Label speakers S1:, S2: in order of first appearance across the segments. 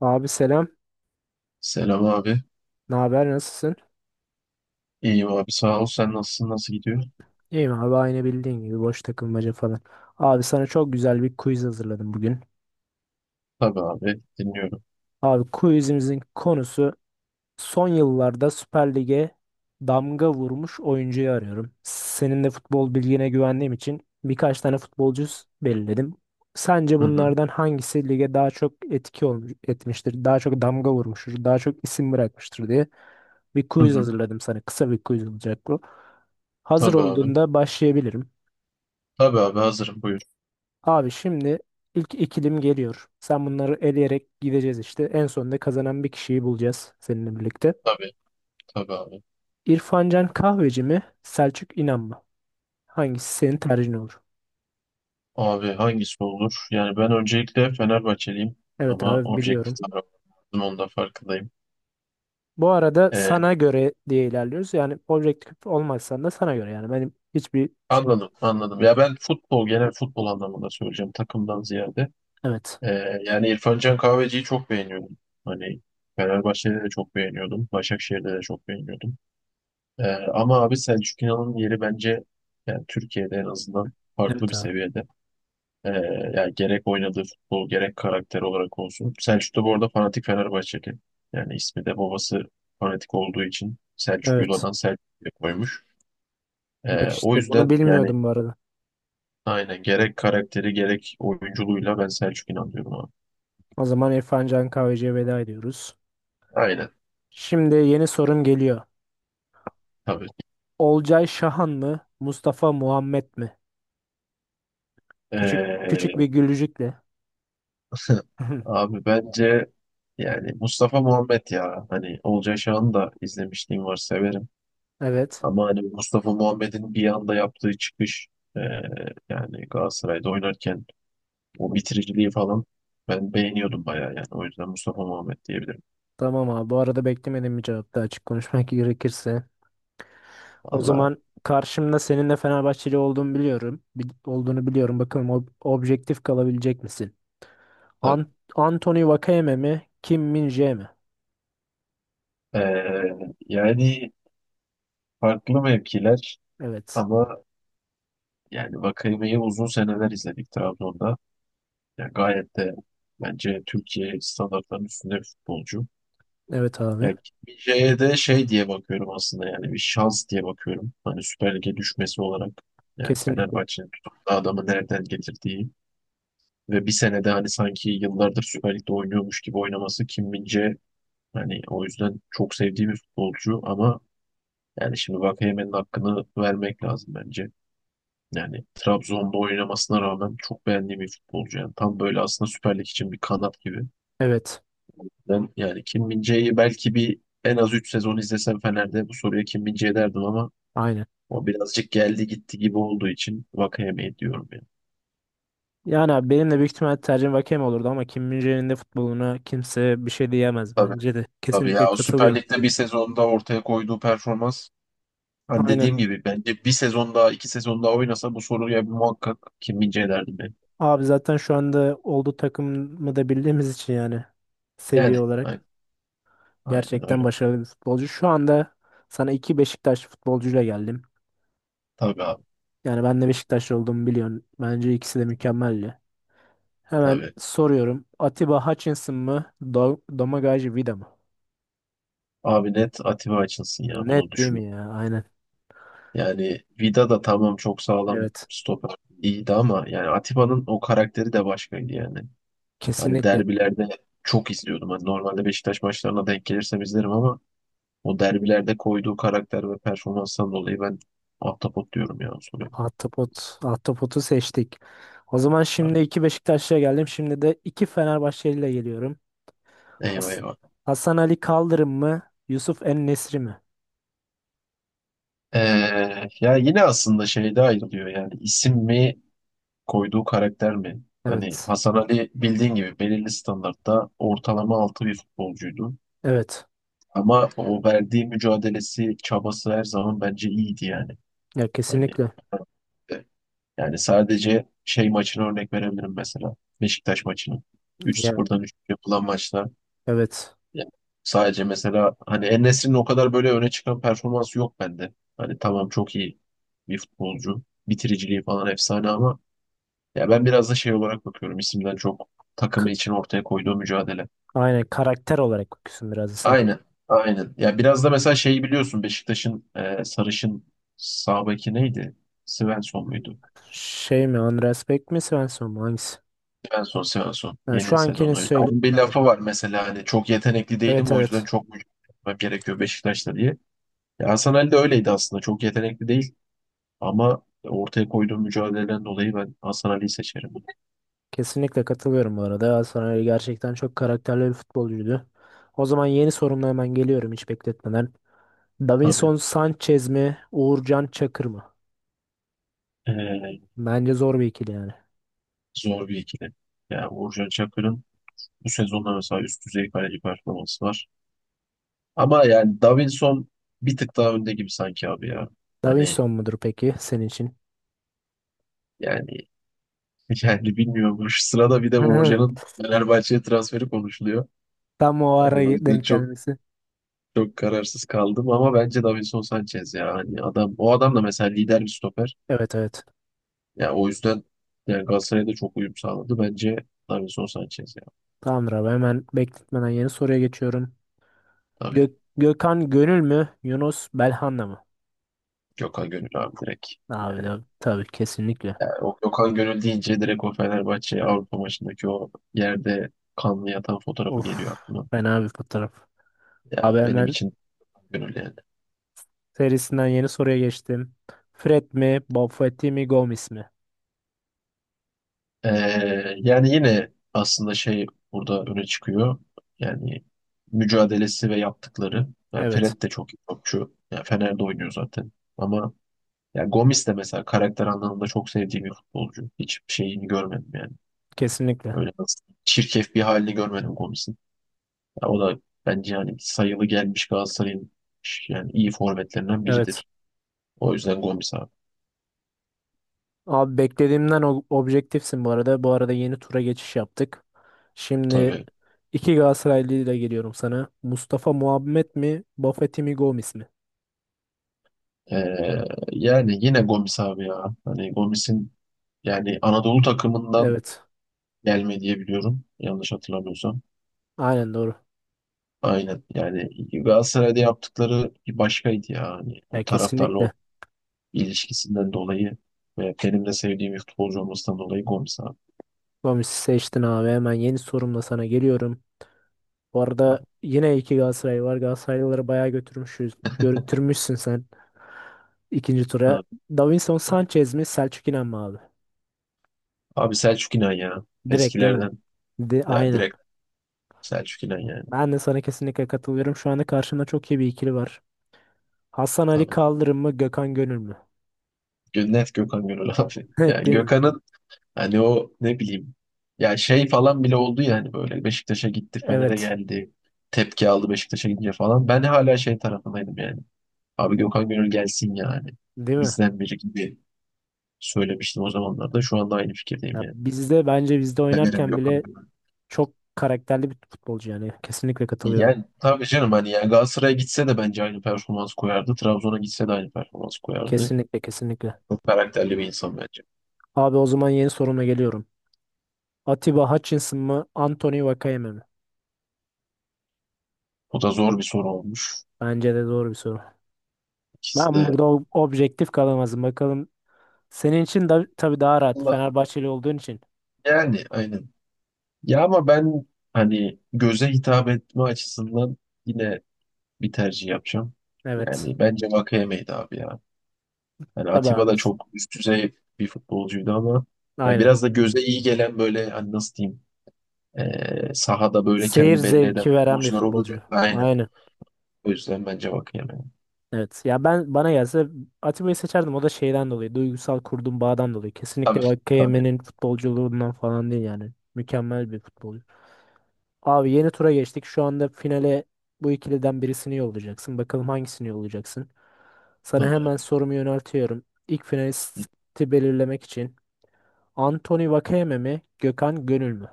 S1: Abi selam.
S2: Selam abi.
S1: Ne haber? Nasılsın?
S2: İyiyim abi. Sağ ol. Sen nasılsın? Nasıl gidiyor?
S1: İyiyim abi aynı bildiğin gibi boş takılmaca falan. Abi sana çok güzel bir quiz hazırladım bugün.
S2: Tabii abi. Dinliyorum.
S1: Abi quizimizin konusu son yıllarda Süper Lig'e damga vurmuş oyuncuyu arıyorum. Senin de futbol bilgine güvendiğim için birkaç tane futbolcu belirledim. Sence
S2: Hı hı.
S1: bunlardan hangisi lige daha çok etki olmuş, etmiştir, daha çok damga vurmuştur, daha çok isim bırakmıştır diye bir
S2: Hı
S1: quiz
S2: hı.
S1: hazırladım sana. Kısa bir quiz olacak bu. Hazır
S2: Tabii abi.
S1: olduğunda başlayabilirim.
S2: Tabii abi. Hazırım. Buyur.
S1: Abi şimdi ilk ikilim geliyor. Sen bunları eleyerek gideceğiz işte. En sonunda kazanan bir kişiyi bulacağız seninle birlikte.
S2: Tabii. Tabii abi.
S1: İrfan Can Kahveci mi? Selçuk İnan mı? Hangisi senin tercihin olur?
S2: Abi hangisi olur? Yani ben öncelikle Fenerbahçeliyim
S1: Evet
S2: ama
S1: abi
S2: objektif
S1: biliyorum.
S2: tarafım. Onun da farkındayım.
S1: Bu arada
S2: Ee,
S1: sana göre diye ilerliyoruz. Yani objektif olmazsan da sana göre yani. Benim hiçbir şey.
S2: anladım. Anladım. Ya ben futbol, genel futbol anlamında söyleyeceğim. Takımdan ziyade.
S1: Evet.
S2: Yani İrfan Can Kahveci'yi çok beğeniyordum. Hani Fenerbahçe'de de çok beğeniyordum. Başakşehir'de de çok beğeniyordum. Ee, ama abi Selçuk İnan'ın yeri bence yani Türkiye'de en azından farklı
S1: Evet
S2: bir
S1: abi.
S2: seviyede. Ee, yani gerek oynadığı futbol gerek karakter olarak olsun. Selçuk da bu arada fanatik Fenerbahçeli. Yani ismi de babası fanatik olduğu için Selçuk
S1: Evet.
S2: Yula'dan Selçuk diye koymuş.
S1: Bak
S2: O
S1: işte bunu
S2: yüzden yani
S1: bilmiyordum bu arada.
S2: aynen gerek karakteri gerek oyunculuğuyla ben Selçuk İnan diyorum abi.
S1: O zaman İrfan Can Kahveci'ye veda ediyoruz.
S2: Aynen
S1: Şimdi yeni sorum geliyor.
S2: tabii.
S1: Olcay Şahan mı? Mustafa Muhammed mi? Küçük küçük bir
S2: Ee,
S1: gülücükle.
S2: abi bence yani Mustafa Muhammed ya hani Olcay Şahan'ı da izlemişliğim var severim.
S1: Evet.
S2: Ama hani Mustafa Muhammed'in bir anda yaptığı çıkış e, yani Galatasaray'da oynarken o bitiriciliği falan ben beğeniyordum bayağı yani. O yüzden Mustafa Muhammed diyebilirim.
S1: Tamam abi. Bu arada beklemedim bir cevap da açık konuşmak gerekirse. O
S2: Valla
S1: zaman karşımda senin de Fenerbahçeli olduğunu biliyorum. Olduğunu biliyorum. Bakalım objektif kalabilecek misin? An
S2: tabii.
S1: Anthony Vakayeme mi? Kim Min-jae mi?
S2: E, yani farklı mevkiler
S1: Evet.
S2: ama yani Vakayeme'yi uzun seneler izledik Trabzon'da. Yani gayet de bence Türkiye standartlarının üstünde bir futbolcu.
S1: Evet
S2: Ya
S1: abi.
S2: gitmeyeceğe de şey diye bakıyorum aslında yani bir şans diye bakıyorum. Hani Süper Lig'e düşmesi olarak yani
S1: Kesinlikle.
S2: Fenerbahçe'nin tutup da adamı nereden getirdiği ve bir senede hani sanki yıllardır Süper Lig'de oynuyormuş gibi oynaması Kim min hani o yüzden çok sevdiğim bir futbolcu ama yani şimdi Vakayeme'nin hakkını vermek lazım bence. Yani Trabzon'da oynamasına rağmen çok beğendiğim bir futbolcu. Yani tam böyle aslında Süper Lig için bir kanat gibi.
S1: Evet.
S2: Ben yani Kim Min-jae'yi belki bir en az 3 sezon izlesem Fener'de bu soruya Kim Min-jae derdim ama
S1: Aynen.
S2: o birazcık geldi gitti gibi olduğu için Vakayemeyi diyorum ya.
S1: Yani abi benim de büyük ihtimal tercihim Vakayeme olurdu ama Kim Min-jae'nin de futboluna kimse bir şey diyemez
S2: Tabii
S1: bence de.
S2: tabii
S1: Kesinlikle
S2: ya o Süper
S1: katılıyorum.
S2: Lig'de bir sezonda ortaya koyduğu performans hani
S1: Aynen.
S2: dediğim gibi bence bir sezon daha iki sezon daha oynasa bu soruya muhakkak Kim Min-jae derdim ben.
S1: Abi zaten şu anda olduğu takımı da bildiğimiz için yani seviye
S2: Yani
S1: olarak
S2: aynen, aynen
S1: gerçekten
S2: öyle.
S1: başarılı bir futbolcu. Şu anda sana iki Beşiktaş futbolcuyla geldim.
S2: Tabii abi
S1: Yani ben de Beşiktaş olduğumu biliyorsun. Bence ikisi de mükemmeldi. Hemen
S2: tabii.
S1: soruyorum. Atiba Hutchinson mı? Domagoj Vida mı?
S2: Abi net Atiba açılsın ya bunu
S1: Net değil mi
S2: düşünmem.
S1: ya? Aynen.
S2: Yani Vida da tamam çok sağlam
S1: Evet.
S2: stoper iyiydi ama yani Atiba'nın o karakteri de başkaydı yani. Hani
S1: Kesinlikle.
S2: derbilerde çok izliyordum. Hani normalde Beşiktaş maçlarına denk gelirsem izlerim ama o derbilerde koyduğu karakter ve performanstan dolayı ben ahtapot diyorum ya o soruyu.
S1: Ahtapot. Ahtapot'u seçtik. O zaman şimdi
S2: Abi.
S1: iki Beşiktaşlı'ya geldim. Şimdi de iki Fenerbahçeli'yle geliyorum.
S2: Eyvah
S1: Has-
S2: eyvah.
S1: Hasan Ali Kaldırım mı? Yusuf En-Nesri mi?
S2: Ee, ya yine aslında şeyde ayrılıyor yani isim mi koyduğu karakter mi? Hani
S1: Evet.
S2: Hasan Ali bildiğin gibi belirli standartta ortalama altı bir futbolcuydu.
S1: Evet.
S2: Ama o verdiği mücadelesi, çabası her zaman bence iyiydi yani.
S1: Ya
S2: Hani
S1: kesinlikle.
S2: e, yani sadece şey maçına örnek verebilirim mesela. Beşiktaş maçını. Üç
S1: Ya
S2: 0'dan 3 yapılan maçlar.
S1: evet.
S2: Ya, sadece mesela hani En-Nesyri'nin o kadar böyle öne çıkan performansı yok bende. Hani tamam çok iyi bir futbolcu. Bitiriciliği falan efsane ama ya ben biraz da şey olarak bakıyorum. İsimden çok takımı
S1: K-
S2: için ortaya koyduğu mücadele.
S1: Aynen karakter olarak bakıyorsun biraz da sen.
S2: Aynen. Aynen. Ya biraz da mesela şeyi biliyorsun Beşiktaş'ın sarışın sağ beki neydi? Svensson muydu?
S1: Şey mi? Andreas Beck mi? Svensson mu? Hangisi?
S2: Svensson, Svensson.
S1: Yani şu
S2: Yeni
S1: ankinin
S2: sezonu.
S1: söyle...
S2: Onun bir
S1: Aynen.
S2: lafı var mesela hani çok yetenekli değilim
S1: Evet
S2: o yüzden
S1: evet.
S2: çok mücadele etmem gerekiyor Beşiktaş'ta diye. Ya Hasan Ali de öyleydi aslında. Çok yetenekli değil ama ortaya koyduğu mücadeleden dolayı ben Hasan Ali'yi seçerim.
S1: Kesinlikle katılıyorum bu arada. Hasan Ali gerçekten çok karakterli bir futbolcuydu. O zaman yeni sorumla hemen geliyorum hiç bekletmeden.
S2: Tabii.
S1: Davinson Sanchez mi? Uğurcan Çakır mı?
S2: E,
S1: Bence zor bir ikili yani.
S2: zor bir ikili. Yani Uğurcan Çakır'ın bu sezonda mesela üst düzey kaleci performansı var. Ama yani Davinson bir tık daha önde gibi sanki abi ya. Hani
S1: Davinson mudur peki senin için?
S2: yani yani bilmiyorum. Şu sırada bir de Uğurcan'ın Fenerbahçe'ye transferi konuşuluyor.
S1: Tam o ara
S2: Hani o yüzden
S1: denk
S2: çok
S1: gelmesi.
S2: çok kararsız kaldım ama bence Davinson Sanchez ya. Hani adam o adam da mesela lider bir stoper.
S1: Evet evet.
S2: Ya o yüzden yani Galatasaray'da çok uyum sağladı. Bence Davinson Sanchez ya.
S1: Tamamdır abi hemen bekletmeden yeni soruya geçiyorum.
S2: Tabii.
S1: Gökhan Gönül mü? Yunus Belhanda mı?
S2: Gökhan Gönül abi direkt.
S1: Abi de
S2: Yani
S1: tabii kesinlikle.
S2: o Gökhan Gönül deyince direkt o Fenerbahçe
S1: Hı.
S2: Avrupa maçındaki o yerde kanlı yatan fotoğrafı
S1: Of,
S2: geliyor aklıma.
S1: fena bir fotoğraf.
S2: Ya
S1: Abi
S2: benim
S1: hemen
S2: için gönül yani.
S1: serisinden yeni soruya geçtim. Fred mi? Bob Fett mi? Gomez mi?
S2: Yani yine aslında şey burada öne çıkıyor. Yani mücadelesi ve yaptıkları. Yani
S1: Evet
S2: Fred de çok iyi topçu. Yani Fener'de oynuyor zaten. Ama ya Gomis de mesela karakter anlamında çok sevdiğim bir futbolcu. Hiç şeyini görmedim yani.
S1: kesinlikle.
S2: Öyle nasıl çirkef bir halini görmedim Gomis'in. Ya o da bence yani sayılı gelmiş Galatasaray'ın yani iyi forvetlerinden
S1: Evet.
S2: biridir. O yüzden Gomis abi.
S1: Abi beklediğimden objektifsin bu arada. Bu arada yeni tura geçiş yaptık. Şimdi
S2: Tabii.
S1: iki Galatasaraylı ile geliyorum sana. Mustafa Muhammed mi? Bafety mi? Gomis mi?
S2: Ee, yani yine Gomis abi ya. Hani Gomis'in yani Anadolu takımından
S1: Evet.
S2: gelme diye biliyorum. Yanlış hatırlamıyorsam.
S1: Aynen doğru.
S2: Aynen. Yani Galatasaray'da yaptıkları bir başkaydı ya. Hani o
S1: Ya
S2: taraftarla o
S1: kesinlikle.
S2: ilişkisinden dolayı ve benim de sevdiğim bir futbolcu olmasından dolayı Gomis abi.
S1: Gomis'i seçtin abi. Hemen yeni sorumla sana geliyorum. Bu
S2: Abi,
S1: arada yine iki Galatasaray var. Galatasaraylıları bayağı götürmüşüz. Götürmüşsün sen ikinci tura.
S2: tabii.
S1: Davinson Sanchez mi? Selçuk İnan mı abi?
S2: Abi Selçuk İnan ya.
S1: Direkt değil mi?
S2: Eskilerden.
S1: De,
S2: Ya
S1: aynen.
S2: direkt Selçuk İnan yani.
S1: Ben de sana kesinlikle katılıyorum. Şu anda karşımda çok iyi bir ikili var. Hasan Ali
S2: Tabii.
S1: Kaldırım mı Gökhan Gönül mü?
S2: Gö- Net Gökhan Gönül abi.
S1: Evet
S2: Yani
S1: değil mi?
S2: Gökhan'ın hani o ne bileyim ya şey falan bile oldu yani böyle Beşiktaş'a gitti Fener'e
S1: Evet.
S2: geldi tepki aldı Beşiktaş'a gidince falan. Ben hala şey tarafındaydım yani. Abi Gökhan Gönül gelsin yani.
S1: Değil mi?
S2: Bizden biri gibi söylemiştim o zamanlarda. Şu anda aynı fikirdeyim
S1: Ya
S2: yani.
S1: bizde bence bizde
S2: Severim
S1: oynarken
S2: Gökhan
S1: bile
S2: Gönül.
S1: çok karakterli bir futbolcu yani. Kesinlikle katılıyorum.
S2: Yani tabii canım hani yani Galatasaray'a gitse de bence aynı performans koyardı. Trabzon'a gitse de aynı performans koyardı.
S1: Kesinlikle kesinlikle.
S2: Çok karakterli bir insan bence.
S1: Abi o zaman yeni soruma geliyorum. Atiba Hutchinson mı Anthony Vakayeme mi?
S2: O da zor bir soru olmuş.
S1: Bence de doğru bir soru.
S2: İkisi
S1: Ben
S2: de
S1: burada objektif kalamazdım. Bakalım senin için da, tabii daha rahat.
S2: Allah-
S1: Fenerbahçeli olduğun için.
S2: yani aynen. Ya ama ben hani göze hitap etme açısından yine bir tercih yapacağım.
S1: Evet.
S2: Yani bence Vakayeme'ydi abi ya. Hani
S1: Tabii
S2: Atiba
S1: abi.
S2: da çok üst düzey bir futbolcuydu ama ya
S1: Aynen.
S2: biraz da göze iyi gelen böyle hani nasıl diyeyim sahada böyle
S1: Seyir
S2: kendi belli eden
S1: zevki veren bir
S2: futbolcular olur ya.
S1: futbolcu.
S2: Aynen.
S1: Aynen.
S2: O yüzden bence Vakayeme.
S1: Evet. Ya ben bana gelse Atiba'yı seçerdim. O da şeyden dolayı. Duygusal kurduğum bağdan dolayı.
S2: Tabii
S1: Kesinlikle
S2: tabii
S1: Vakayeme'nin futbolculuğundan falan değil yani. Mükemmel bir futbolcu. Abi yeni tura geçtik. Şu anda finale bu ikiliden birisini yollayacaksın. Bakalım hangisini yollayacaksın. Sana
S2: tabii.
S1: hemen sorumu yöneltiyorum. İlk finalisti belirlemek için. Anthony Vakayeme mi? Gökhan Gönül mü?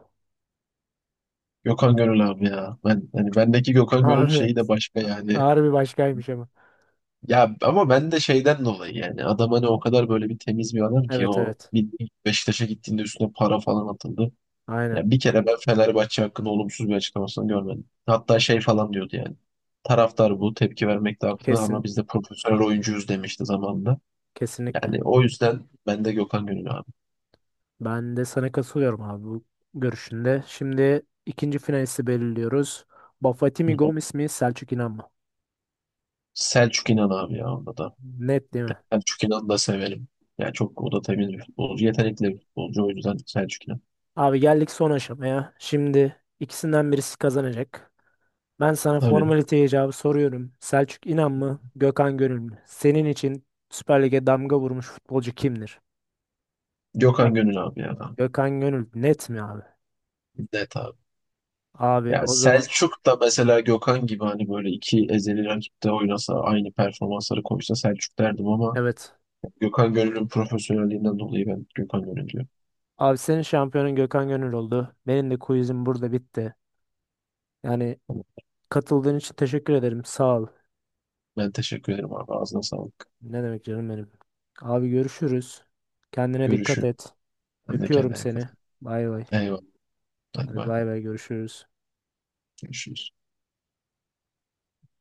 S2: Gökhan Gönül abi ya. Ben hani bendeki Gökhan Gönül
S1: Abi
S2: şeyi de başka yani.
S1: ağır bir başkaymış ama.
S2: Ya ama ben de şeyden dolayı yani adam hani o kadar böyle bir temiz bir adam ki
S1: Evet
S2: o
S1: evet.
S2: bir Beşiktaş'a gittiğinde üstüne para falan atıldı.
S1: Aynen.
S2: Ya bir kere ben Fenerbahçe hakkında olumsuz bir açıklamasını görmedim. Hatta şey falan diyordu yani. Taraftar bu tepki vermekte haklı
S1: Kesin.
S2: ama biz de profesyonel oyuncuyuz demişti zamanında.
S1: Kesinlikle.
S2: Yani o yüzden ben de Gökhan Gönül abi.
S1: Ben de sana katılıyorum abi bu görüşünde. Şimdi ikinci finalisti belirliyoruz.
S2: Hı
S1: Bafatimi
S2: hı.
S1: Gomis mi Selçuk İnan mı?
S2: Selçuk İnan abi ya onda da.
S1: Net değil mi?
S2: Selçuk İnan'ı da severim. Yani çok o da temiz bir futbolcu. Yetenekli bir futbolcu o yüzden Selçuk İnan.
S1: Abi geldik son aşamaya. Şimdi ikisinden birisi kazanacak. Ben sana
S2: Tabii.
S1: formalite icabı soruyorum. Selçuk İnan mı Gökhan Gönül mü? Senin için Süper Lig'e damga vurmuş futbolcu kimdir? Ya-
S2: Gökhan Gönül abi ya.
S1: Gökhan Gönül net mi abi?
S2: Net abi.
S1: Abi
S2: Yani
S1: o zaman
S2: Selçuk da mesela Gökhan gibi hani böyle iki ezeli rakipte oynasa aynı performansları koysa Selçuk derdim ama
S1: evet.
S2: Gökhan Gönül'ün profesyonelliğinden dolayı ben Gökhan Gönül diyorum.
S1: Abi senin şampiyonun Gökhan Gönül oldu. Benim de quizim burada bitti. Yani
S2: Tamam.
S1: katıldığın için teşekkür ederim. Sağ ol.
S2: Ben teşekkür ederim abi. Ağzına sağlık.
S1: Ne demek canım benim. Abi görüşürüz. Kendine dikkat
S2: Görüşürüz.
S1: et.
S2: Sen de
S1: Öpüyorum
S2: kendine dikkat
S1: seni.
S2: et.
S1: Bay bay.
S2: Eyvallah. Hadi
S1: Hadi
S2: bay.
S1: bay bay görüşürüz.
S2: Görüşürüz.